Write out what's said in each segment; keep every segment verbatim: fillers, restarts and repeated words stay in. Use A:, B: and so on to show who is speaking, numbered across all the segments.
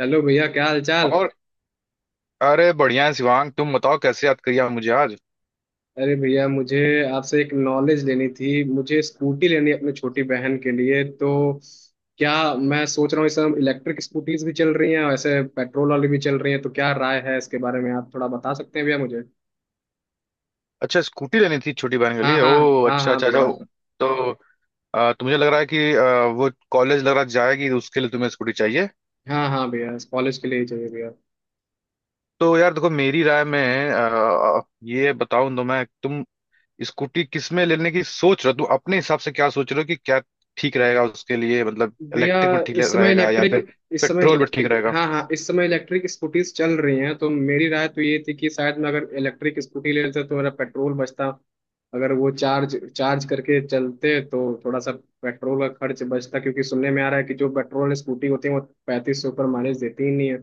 A: Hello भैया, क्या हाल चाल।
B: और अरे बढ़िया है शिवांग। तुम बताओ, कैसे याद करिए मुझे आज?
A: अरे भैया, मुझे आपसे एक नॉलेज लेनी थी। मुझे स्कूटी लेनी है अपनी छोटी बहन के लिए। तो क्या, मैं सोच रहा हूँ इस समय इलेक्ट्रिक स्कूटीज भी चल रही हैं, वैसे पेट्रोल वाली भी चल रही हैं, तो क्या राय है इसके बारे में? आप थोड़ा बता सकते हैं भैया मुझे?
B: अच्छा, स्कूटी लेनी थी छोटी बहन के
A: हाँ
B: लिए।
A: हाँ।
B: ओ
A: हाँ
B: अच्छा
A: हाँ
B: अच्छा,
A: भैया।
B: जाओ। तो अ, तुम्हें लग रहा है कि अ, वो कॉलेज लग रहा है जाएगी तो उसके लिए तुम्हें स्कूटी चाहिए।
A: हाँ हाँ भैया, कॉलेज के लिए ही चाहिए भैया।
B: तो यार देखो, मेरी राय में अ, ये बताऊं तो मैं तुम स्कूटी किस में लेने की सोच रहे हो, तुम अपने हिसाब से क्या सोच रहे हो कि क्या ठीक रहेगा उसके लिए, मतलब
A: भैया,
B: इलेक्ट्रिक में ठीक
A: इस समय
B: रहेगा या
A: इलेक्ट्रिक,
B: फिर
A: इस समय
B: पेट्रोल में ठीक रहेगा।
A: हाँ हाँ इस समय इलेक्ट्रिक स्कूटीज चल रही हैं, तो मेरी राय तो ये थी कि शायद मैं अगर इलेक्ट्रिक स्कूटी ले लेता तो मेरा पेट्रोल बचता। अगर वो चार्ज चार्ज करके चलते तो थोड़ा सा पेट्रोल का खर्च बचता, क्योंकि सुनने में आ रहा है कि जो पेट्रोल स्कूटी होती है वो पैंतीस सौ पर माइलेज देती ही नहीं है।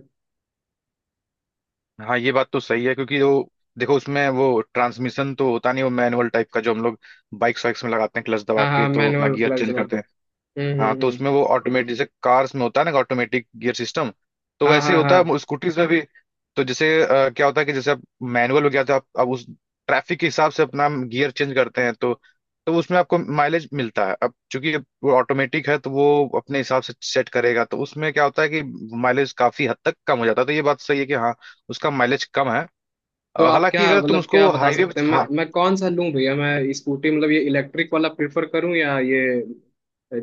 B: हाँ, ये बात तो सही है, क्योंकि वो देखो, उसमें वो ट्रांसमिशन तो होता नहीं, वो मैनुअल टाइप का, जो हम लोग बाइक्स वाइक्स में लगाते हैं क्लच दबा
A: हाँ
B: के
A: हाँ,
B: तो अपना
A: manual
B: gear
A: plus.
B: Change
A: hmm.
B: करते। हाँ,
A: हम्म
B: तो
A: हम्म।
B: उसमें वो ऑटोमेटिक, जैसे कार्स में होता है ना ऑटोमेटिक गियर सिस्टम, तो
A: हाँ
B: वैसे ही
A: हाँ हाँ।
B: होता है स्कूटीज में भी। तो जैसे अ, क्या होता है कि जैसे आप मैनुअल हो गया तो आप अब उस ट्रैफिक के हिसाब से अपना गियर चेंज करते हैं, तो तो उसमें आपको माइलेज मिलता है। अब चूंकि वो ऑटोमेटिक है तो वो अपने हिसाब से सेट करेगा, तो उसमें क्या होता है कि माइलेज काफी हद तक कम हो जाता है। तो ये बात सही है कि हाँ, उसका माइलेज कम है।
A: तो
B: अ,
A: आप क्या,
B: हालांकि अगर तुम
A: मतलब क्या
B: उसको
A: बता
B: हाईवे,
A: सकते हैं, मैं मैं कौन सा लूं भैया? मैं स्कूटी, मतलब ये इलेक्ट्रिक वाला प्रेफर करूं या ये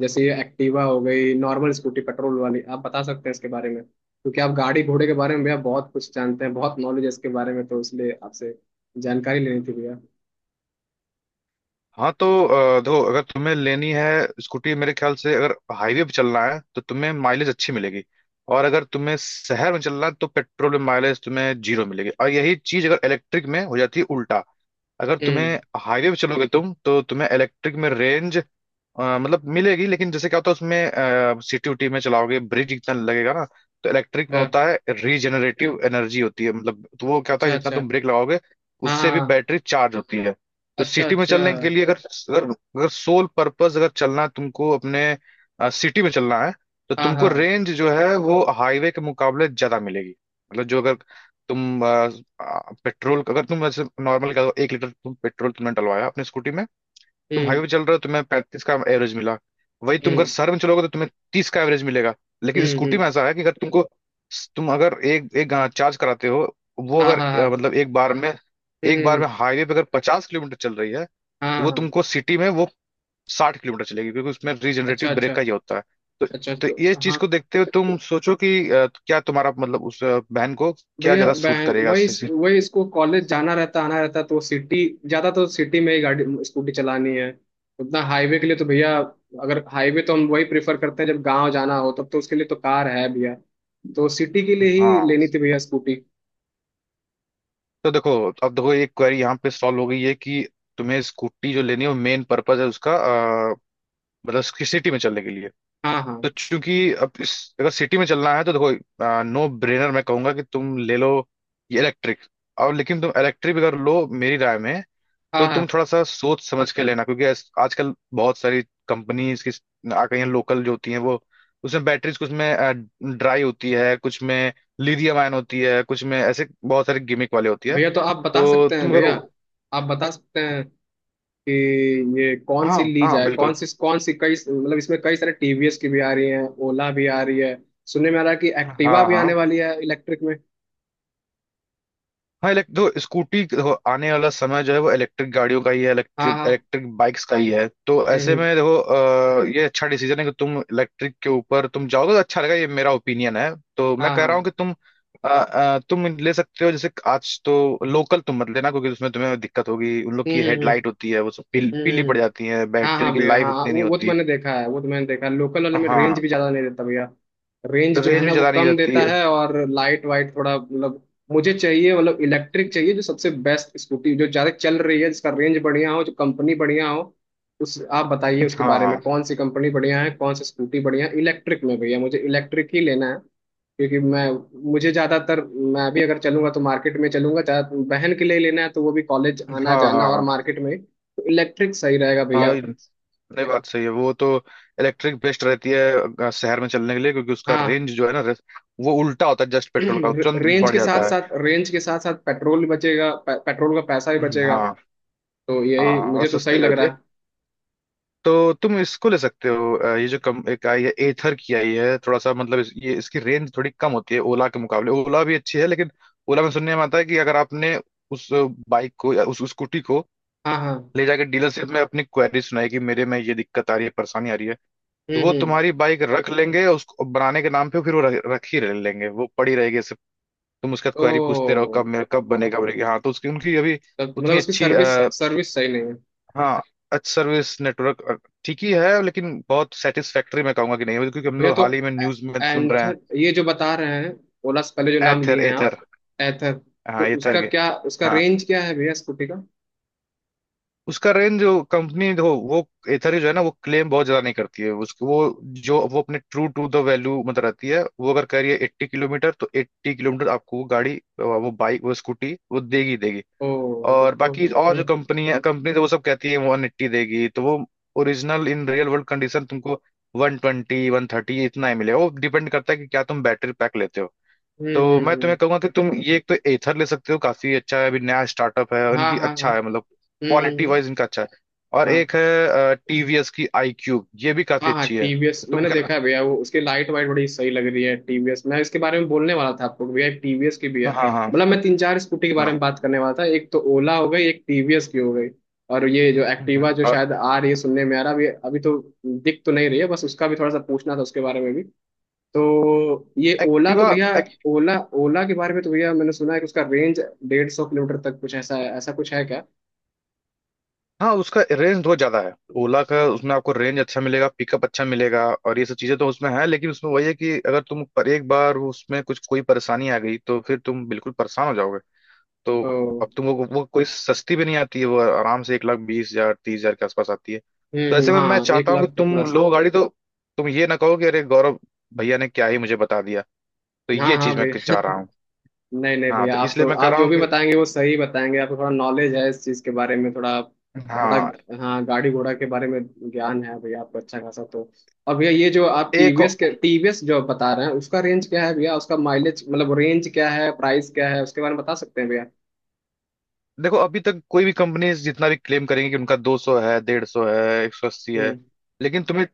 A: जैसे ये एक्टिवा हो गई नॉर्मल स्कूटी पेट्रोल वाली? आप बता सकते हैं इसके बारे में, क्योंकि आप गाड़ी घोड़े के बारे में भैया बहुत कुछ जानते हैं, बहुत नॉलेज है इसके बारे में, तो इसलिए आपसे जानकारी लेनी थी भैया।
B: हाँ, तो अ, देखो अगर तुम्हें लेनी है स्कूटी, मेरे ख्याल से अगर हाईवे पे चलना है तो तुम्हें माइलेज अच्छी मिलेगी, और अगर तुम्हें शहर में चलना है तो पेट्रोल में माइलेज तुम्हें जीरो मिलेगी, और यही चीज अगर इलेक्ट्रिक में हो जाती है उल्टा। अगर तुम्हें
A: हम्म।
B: हाईवे पे चलोगे तुम, तो तुम्हें इलेक्ट्रिक में रेंज अ, मतलब मिलेगी, लेकिन जैसे क्या होता है उसमें सिटी उटी में चलाओगे ब्रिज इतना लगेगा ना, तो इलेक्ट्रिक में
A: अ,
B: होता है रीजनरेटिव एनर्जी होती है मतलब, तो वो क्या होता है
A: अच्छा
B: जितना
A: अच्छा।
B: तुम ब्रेक लगाओगे
A: हाँ
B: उससे भी
A: हाँ।
B: बैटरी चार्ज होती है। तो
A: अच्छा
B: सिटी में
A: अच्छा।
B: चलने के लिए अगर अगर, अगर सोल पर्पस अगर चलना है तुमको अपने सिटी में चलना है, तो
A: हाँ हाँ।
B: तुमको रेंज जो है वो हाईवे के मुकाबले ज्यादा मिलेगी। मतलब जो अगर तुम पेट्रोल, अगर तुम वैसे नॉर्मल एक लीटर तुम पेट्रोल तुमने डलवाया अपने स्कूटी में, तुम
A: हम्म
B: हाईवे चल रहे हो तुम्हें पैंतीस का एवरेज मिला, वही तुम अगर
A: हम्म।
B: शहर में चलोगे तो तुम्हें तीस का एवरेज मिलेगा। लेकिन
A: हम्म
B: स्कूटी में
A: हम्म।
B: ऐसा है कि अगर तुमको, तुम अगर एक एक चार्ज कराते हो वो
A: हाँ
B: अगर
A: हाँ
B: अ,
A: हाँ।
B: मतलब एक बार में एक
A: हम्म
B: बार में
A: हम्म,
B: हाईवे पे अगर पचास किलोमीटर चल रही है तो
A: हाँ
B: वो
A: हाँ।
B: तुमको सिटी में वो साठ किलोमीटर चलेगी, क्योंकि उसमें रीजनरेटिव
A: अच्छा
B: ब्रेक
A: अच्छा।
B: का ये होता है। तो
A: अच्छा
B: तो
A: तो
B: ये चीज
A: हाँ
B: को देखते हुए तुम सोचो कि अ, क्या तुम्हारा मतलब उस अ, बहन को क्या
A: भैया,
B: ज्यादा सूट
A: बहन,
B: करेगा
A: वही
B: इससे-
A: वही इसको कॉलेज जाना रहता आना रहता, तो सिटी ज्यादा, तो सिटी में ही गाड़ी स्कूटी चलानी है, उतना हाईवे के लिए तो भैया, अगर हाईवे तो हम वही प्रेफर करते हैं जब गांव जाना हो, तब तो उसके लिए तो कार है भैया, तो सिटी के लिए ही
B: हाँ,
A: लेनी थी भैया स्कूटी।
B: तो देखो, अब देखो, ये क्वेरी यहाँ पे सॉल्व हो गई है कि तुम्हें स्कूटी जो लेनी है वो मेन पर्पज है उसका अ, मतलब कि सिटी में चलने के लिए।
A: हाँ हाँ
B: तो चूंकि अब इस, अगर सिटी में चलना है तो देखो, नो ब्रेनर मैं कहूंगा कि तुम ले लो ये इलेक्ट्रिक। और लेकिन तुम इलेक्ट्रिक अगर लो मेरी राय में, तो
A: हाँ
B: तुम
A: हाँ
B: थोड़ा सा सोच समझ के लेना, क्योंकि आज- आजकल बहुत सारी कंपनीज की आ गई हैं लोकल जो होती हैं, वो उसमें बैटरीज कुछ में ड्राई होती है, कुछ में लिथियम आयन होती है, कुछ में ऐसे बहुत सारे गिमिक वाले होती है।
A: भैया। तो आप बता
B: तो
A: सकते हैं
B: तुम
A: भैया,
B: करो,
A: आप बता सकते हैं कि ये कौन
B: हाँ
A: सी ली
B: हाँ
A: जाए, कौन
B: बिल्कुल,
A: सी कौन सी, कई मतलब इसमें कई सारे टीवीएस की भी आ रही है, ओला भी आ रही है, सुनने में आ रहा है कि एक्टिवा
B: हाँ
A: भी आने
B: हाँ,
A: वाली है इलेक्ट्रिक में।
B: हाँ इलेक्ट दो स्कूटी देखो, आने वाला समय जो है वो इलेक्ट्रिक गाड़ियों का ही है,
A: हाँ
B: इलेक्ट्रिक
A: हाँ।
B: इलेक्ट्रिक बाइक्स का ही है। तो ऐसे
A: हम्म,
B: में देखो अ, ये अच्छा डिसीजन है कि तुम इलेक्ट्रिक के ऊपर तुम जाओगे तो अच्छा रहेगा, ये मेरा ओपिनियन है। तो मैं
A: हाँ
B: कह रहा हूँ
A: हाँ।
B: कि तुम अ, अ, तुम ले सकते हो। जैसे आज तो लोकल तुम मत लेना, क्योंकि उसमें तुम्हें दिक्कत होगी, उन लोग की
A: हम्म हम्म
B: हेडलाइट होती है वो सब पील,
A: हम्म
B: पीली
A: हम्म,
B: पड़
A: हम्म।
B: जाती है,
A: हाँ
B: बैटरी
A: हाँ
B: की
A: भैया,
B: लाइफ
A: हाँ हाँ,
B: उतनी नहीं
A: वो वो तो
B: होती,
A: मैंने देखा है, वो तो मैंने देखा है, लोकल वाले में रेंज
B: हाँ,
A: भी ज्यादा नहीं देता भैया। रेंज जो है
B: रेंज भी
A: ना वो
B: ज्यादा नहीं
A: कम
B: रहती
A: देता
B: है।
A: है, और लाइट वाइट थोड़ा मतलब मुझे चाहिए, मतलब इलेक्ट्रिक चाहिए जो सबसे बेस्ट स्कूटी जो ज्यादा चल रही है, जिसका रेंज बढ़िया हो, जो कंपनी बढ़िया हो, उस आप बताइए उसके बारे में,
B: हाँ
A: कौन सी कंपनी बढ़िया है, कौन सी स्कूटी बढ़िया है इलेक्ट्रिक में भैया, मुझे इलेक्ट्रिक ही लेना है, क्योंकि मैं, मुझे ज्यादातर, मैं भी अगर चलूंगा तो मार्केट में चलूंगा ज्यादा, बहन के लिए लेना है तो वो भी कॉलेज आना
B: हाँ हाँ
A: जाना, और
B: हाँ
A: मार्केट में तो इलेक्ट्रिक सही रहेगा
B: हाँ,
A: भैया।
B: नहीं बात सही है, वो तो इलेक्ट्रिक बेस्ट रहती है अ, शहर में चलने के लिए, क्योंकि उसका
A: हाँ।
B: रेंज जो है ना रेस- वो उल्टा होता है जस्ट, पेट्रोल का तुरंत
A: रेंज
B: बढ़
A: के साथ
B: जाता है।
A: साथ, रेंज के साथ साथ पेट्रोल भी बचेगा, पे, पेट्रोल का पैसा भी बचेगा,
B: हाँ
A: तो यही
B: हाँ, और
A: मुझे तो
B: सस्ते
A: सही
B: भी
A: लग
B: रहती
A: रहा
B: है।
A: है।
B: तो तुम इसको ले सकते हो, अ, ये जो कम एक आई है एथर की आई है, थोड़ा सा मतलब इस, ये इसकी रेंज थोड़ी कम होती है ओला के मुकाबले। ओला भी अच्छी है, लेकिन ओला में सुनने में आता है कि अगर आपने उस बाइक को या उस स्कूटी को
A: हाँ हाँ।
B: ले जाकर डीलरशिप में अपनी क्वेरी सुनाई कि मेरे में ये दिक्कत आ रही है, परेशानी आ रही है, तो
A: हम्म
B: वो
A: हम्म।
B: तुम्हारी बाइक रख लेंगे उसको बनाने के नाम पे, फिर वो रख, रख ही ले- लेंगे, वो पड़ी रहेगी ऐसे। तुम उसका क्वेरी पूछते रहो
A: तो
B: कब मेरा कब बनेगा बनेगा, हाँ तो उसकी उनकी अभी
A: तब मतलब
B: उतनी
A: उसकी
B: अच्छी
A: सर्विस,
B: आ,
A: सर्विस सही नहीं है।
B: हाँ अच्छी सर्विस नेटवर्क अ, ठीक ही है, लेकिन बहुत सेटिस्फैक्टरी मैं कहूंगा कि नहीं है, क्योंकि हम
A: भैया
B: लोग
A: तो
B: हाल ही में
A: ए-
B: न्यूज में सुन रहे हैं।
A: एंथर ये जो बता रहे हैं, ओला से पहले जो नाम
B: एथर
A: लिए हैं आप,
B: एथर,
A: एथर, तो
B: हाँ एथर
A: उसका
B: के,
A: क्या, उसका
B: हाँ।
A: रेंज क्या है भैया स्कूटी का?
B: उसका रेंज जो कंपनी हो वो, एथर जो है ना वो क्लेम बहुत ज्यादा नहीं करती है, उसको वो जो वो अपने ट्रू टू द वैल्यू मतलब रहती है, वो अगर कह रही है एट्टी किलोमीटर तो एट्टी किलोमीटर आपको वो गाड़ी वो बाइक वो स्कूटी वो देगी देगी।
A: ओ,
B: और
A: तब तो।
B: बाकी और जो
A: हम्म
B: कंपनी है कंपनी तो वो सब कहती है वन एट्टी देगी, तो वो original in real world condition तुमको वन ट्वेंटी वन थर्टी इतना ही मिलेगा। वो डिपेंड करता है कि क्या तुम बैटरी पैक लेते हो।
A: हम्म
B: तो
A: हम्म
B: मैं तुम्हें
A: हम्म,
B: कहूंगा कि तुम ये एक तो एथर ले सकते हो, काफी अच्छा है, अभी नया स्टार्टअप है
A: हाँ
B: उनकी,
A: हाँ हाँ।
B: अच्छा है मतलब
A: hmm hmm
B: quality
A: hmm,
B: wise इनका अच्छा है। और
A: हाँ
B: एक है टीवीएस की आई क्यूब, ये भी काफी
A: हाँ हाँ
B: अच्छी है।
A: टीवीएस
B: तो तुम
A: मैंने
B: क्या,
A: देखा है भैया, वो उसकी लाइट वाइट बड़ी सही लग रही है, टीवीएस मैं इसके बारे में बोलने वाला था आपको कि भैया टीवीएस की भी है,
B: हाँ हाँ
A: मतलब मैं तीन चार स्कूटी के बारे
B: हाँ,
A: में बात करने वाला था, एक तो ओला हो गई, एक टीवीएस की हो गई, और ये जो एक्टिवा
B: हम्म,
A: जो
B: और
A: शायद आ रही है सुनने में आ रहा है, अभी अभी तो दिख तो नहीं रही है, बस उसका भी थोड़ा सा पूछना था उसके बारे में भी। तो ये ओला तो
B: एक्टिवा,
A: भैया,
B: एक,
A: ओला, ओला के बारे में तो भैया मैंने सुना है कि उसका रेंज डेढ़ सौ किलोमीटर तक, कुछ ऐसा है, ऐसा कुछ है क्या?
B: हाँ उसका रेंज बहुत ज्यादा है ओला का, उसमें आपको रेंज अच्छा मिलेगा, पिकअप अच्छा मिलेगा और ये सब चीजें तो उसमें है, लेकिन उसमें वही है कि अगर तुम पर एक बार उसमें कुछ कोई परेशानी आ गई तो फिर तुम बिल्कुल परेशान हो जाओगे। तो
A: ओ।
B: अब तुम वो, वो कोई सस्ती भी नहीं आती है, वो आराम से एक लाख बीस हजार तीस हजार के आसपास आती है। तो
A: हम्म हम्म,
B: ऐसे में मैं
A: हाँ एक
B: चाहता हूँ
A: लाख
B: कि
A: तो
B: तुम
A: प्लस है।
B: लो गाड़ी तो तुम ये ना कहो कि अरे गौरव भैया ने क्या ही मुझे बता दिया, तो
A: हाँ
B: ये
A: हाँ
B: चीज मैं
A: भैया।
B: चाह रहा हूँ।
A: नहीं नहीं
B: हाँ,
A: भैया,
B: तो
A: आप
B: इसलिए
A: तो
B: मैं कह
A: आप
B: रहा
A: जो
B: हूँ
A: भी
B: कि
A: बताएंगे वो सही बताएंगे, आपको थोड़ा नॉलेज है इस चीज़ के बारे में, थोड़ा बड़ा,
B: हाँ,
A: हाँ गाड़ी घोड़ा के बारे में ज्ञान है भैया आपको अच्छा खासा, तो और भैया ये जो आप
B: एक
A: टीवीएस के, टीवीएस जो बता रहे हैं, उसका रेंज क्या है भैया, उसका माइलेज मतलब रेंज क्या है, प्राइस क्या है उसके बारे में बता सकते हैं भैया?
B: देखो, अभी तक कोई भी कंपनी जितना भी क्लेम करेंगे कि उनका दो सौ है, डेढ़ सौ है, एक सौ अस्सी है,
A: हम्म।
B: लेकिन तुम्हें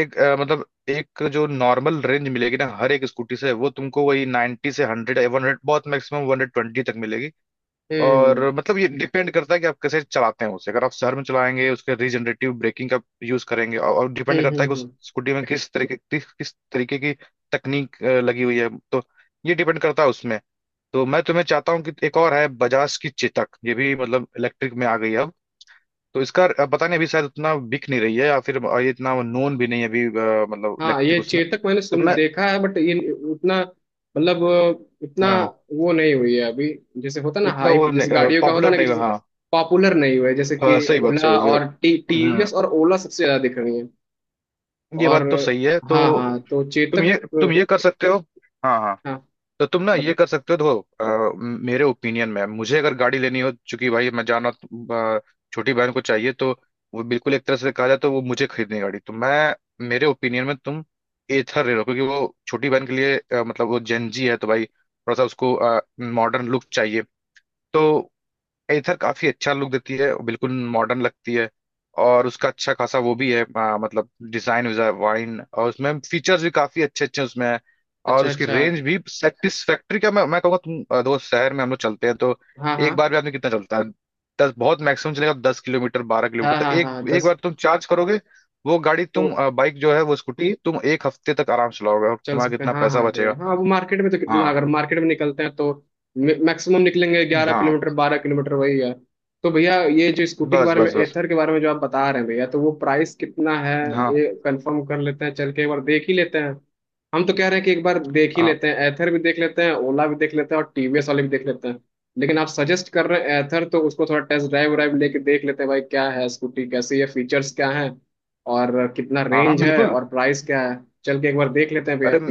B: एक अ, मतलब एक जो नॉर्मल रेंज मिलेगी ना हर एक स्कूटी से वो तुमको वही नाइंटी से हंड्रेड वन हंड्रेड, बहुत मैक्सिमम वन हंड्रेड ट्वेंटी तक मिलेगी।
A: हम्म
B: और मतलब ये डिपेंड करता है कि आप कैसे चलाते हैं उसे, अगर आप शहर में चलाएंगे उसके रीजनरेटिव ब्रेकिंग का यूज करेंगे, और, और डिपेंड
A: हम्म
B: करता है
A: हम्म
B: कि उस
A: हम्म।
B: स्कूटी में किस तरीके किस किस तरीके की तकनीक अ, लगी हुई है, तो ये डिपेंड करता है उसमें। तो मैं तुम्हें चाहता हूँ कि एक और है बजाज की चेतक, ये भी मतलब इलेक्ट्रिक में आ गई है अब। तो इसका अब पता नहीं, अभी शायद उतना बिक नहीं रही है या फिर ये इतना नोन भी नहीं है अभी अ, मतलब
A: हाँ
B: इलेक्ट्रिक
A: ये
B: उसमें।
A: चेतक मैंने
B: तो
A: सुन
B: मैं,
A: देखा है, बट ये उतना मतलब उतना
B: हाँ
A: वो नहीं हुई है अभी, जैसे होता ना
B: उतना
A: हाइप
B: वो
A: जिस
B: नहीं,
A: गाड़ियों का होता
B: पॉपुलर
A: ना कि
B: नहीं हुआ,
A: जैसे
B: हाँ,
A: पॉपुलर नहीं हुआ है, जैसे कि
B: हाँ सही बात, सही
A: ओला
B: बात, सही
A: और टी
B: बात।
A: टीवीएस, और ओला सबसे ज्यादा दिख रही है।
B: ये
A: और
B: बात तो सही है।
A: हाँ हाँ,
B: तो
A: तो
B: तुम ये
A: चेतक।
B: तुम ये कर सकते हो, हाँ हाँ,
A: हाँ।
B: तो तुम ना ये कर
A: बत-
B: सकते हो देखो, अ, मेरे ओपिनियन में मुझे अगर गाड़ी लेनी हो, चूंकि भाई मैं जाना अ, छोटी बहन को चाहिए तो वो बिल्कुल एक तरह से कहा जाए तो वो मुझे खरीदनी है गाड़ी, तो मैं मेरे ओपिनियन में तुम एथर ले लो, क्योंकि वो छोटी बहन के लिए अ, मतलब वो जेंजी है तो भाई थोड़ा सा उसको मॉडर्न लुक चाहिए। तो एथर काफी अच्छा लुक देती है, बिल्कुल मॉडर्न लगती है, और उसका अच्छा खासा वो भी है आ, मतलब डिजाइन वाइन, और उसमें फीचर्स भी काफी अच्छे अच्छे उसमें है। और
A: अच्छा
B: उसकी
A: अच्छा।
B: रेंज भी सेटिस्फैक्ट्री का मैं मैं कहूँगा। तुम आ, दोस्त शहर में हम लोग चलते हैं तो
A: हाँ
B: एक
A: हाँ
B: बार भी आदमी कितना चलता है, दस बहुत मैक्सिमम चलेगा, तो दस किलोमीटर बारह
A: हाँ
B: किलोमीटर, तो
A: हाँ
B: एक
A: हाँ
B: एक
A: दस।
B: बार तुम चार्ज करोगे वो गाड़ी,
A: तो
B: तुम बाइक जो है वो स्कूटी तुम एक हफ्ते तक आराम से चलाओगे, और
A: चल
B: तुम्हारा
A: सकते हैं,
B: कितना
A: हाँ
B: पैसा
A: हाँ भैया,
B: बचेगा।
A: हाँ अब मार्केट में तो कितना,
B: हाँ
A: अगर मार्केट में निकलते हैं तो मैक्सिमम निकलेंगे ग्यारह
B: हाँ,
A: किलोमीटर बारह किलोमीटर, वही है। तो भैया ये जो स्कूटी के
B: बस
A: बारे में,
B: बस बस,
A: एथर के बारे में जो आप बता रहे हैं भैया, तो वो प्राइस कितना है?
B: हाँ
A: ये कंफर्म कर लेते हैं, चल के एक बार देख ही लेते हैं, हम तो कह रहे हैं कि एक बार देख ही
B: हाँ
A: लेते हैं, एथर भी देख लेते हैं, ओला भी देख लेते हैं, और टीवीएस वाले भी देख लेते हैं, लेकिन आप सजेस्ट कर रहे हैं एथर, तो उसको थोड़ा टेस्ट ड्राइव वाइव लेके देख लेते हैं, भाई क्या है स्कूटी, कैसी है, फीचर्स क्या है, और कितना
B: हाँ हाँ
A: रेंज है,
B: बिल्कुल।
A: और प्राइस क्या है, चल के एक बार देख लेते हैं
B: अरे
A: भैया।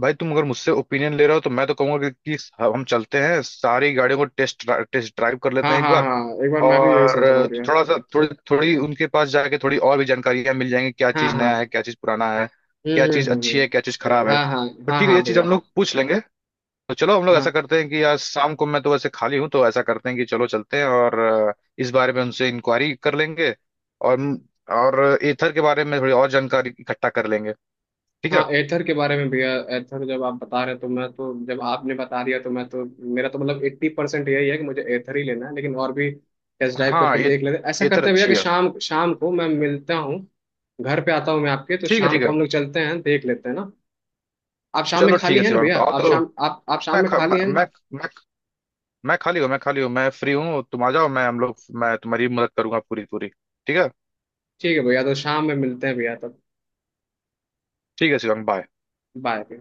B: भाई, तुम अगर मुझसे ओपिनियन ले रहे हो तो मैं तो कहूंगा कि, कि हम चलते हैं सारी गाड़ियों को टेस्ट, टेस्ट ड्राइव कर
A: हाँ
B: लेते हैं एक
A: हाँ
B: बार,
A: हाँ, एक बार मैं भी यही सोच रहा हूँ
B: और
A: भैया।
B: थोड़ा सा थोड़ी थोड़ी उनके पास जाके थोड़ी और भी जानकारियां मिल जाएंगी, क्या
A: हाँ
B: चीज नया है,
A: हाँ।
B: क्या चीज पुराना है,
A: हम्म
B: क्या
A: हम्म
B: चीज
A: हम्म
B: अच्छी है,
A: हम्म।
B: क्या चीज खराब है,
A: हाँ हाँ
B: तो
A: हाँ
B: ठीक है
A: हाँ
B: ये चीज
A: भैया।
B: हम लोग पूछ लेंगे। तो चलो हम लोग ऐसा
A: हाँ
B: करते हैं कि आज शाम को मैं तो वैसे खाली हूँ, तो ऐसा करते हैं कि चलो चलते हैं और अ, इस बारे में उनसे इंक्वायरी कर लेंगे, और और एथर के बारे में थोड़ी और जानकारी इकट्ठा कर लेंगे, ठीक
A: हाँ
B: है।
A: एथर के बारे में भैया, एथर जब आप बता रहे, तो मैं तो जब आपने बता दिया तो मैं तो, मेरा तो मतलब एट्टी परसेंट यही है कि मुझे एथर ही लेना है, लेकिन और भी टेस्ट ड्राइव
B: हाँ,
A: करके
B: ये
A: देख लेते हैं, ऐसा
B: एथर
A: करते हैं भैया कि
B: अच्छी है।
A: शाम शाम को मैं मिलता हूँ घर पे, आता हूँ मैं आपके, तो
B: ठीक है,
A: शाम
B: ठीक
A: को
B: है,
A: हम लोग चलते हैं देख लेते हैं ना। आप शाम में
B: चलो ठीक
A: खाली
B: है
A: हैं ना
B: शिवांग,
A: भैया?
B: तो आओ
A: आप
B: तो।
A: शाम, आप आप शाम
B: मैं
A: में
B: ख-
A: खाली
B: मैं
A: हैं?
B: मैं मैं, मैं खाली हूँ, मैं खाली हूँ, मैं फ्री हूँ, तुम आ जाओ, मैं हम लोग, मैं तुम्हारी मदद करूंगा पूरी पूरी, ठीक है।
A: ठीक है भैया, तो शाम में मिलते हैं भैया तब।
B: ठीक है शिवांग, बाय।
A: बाय।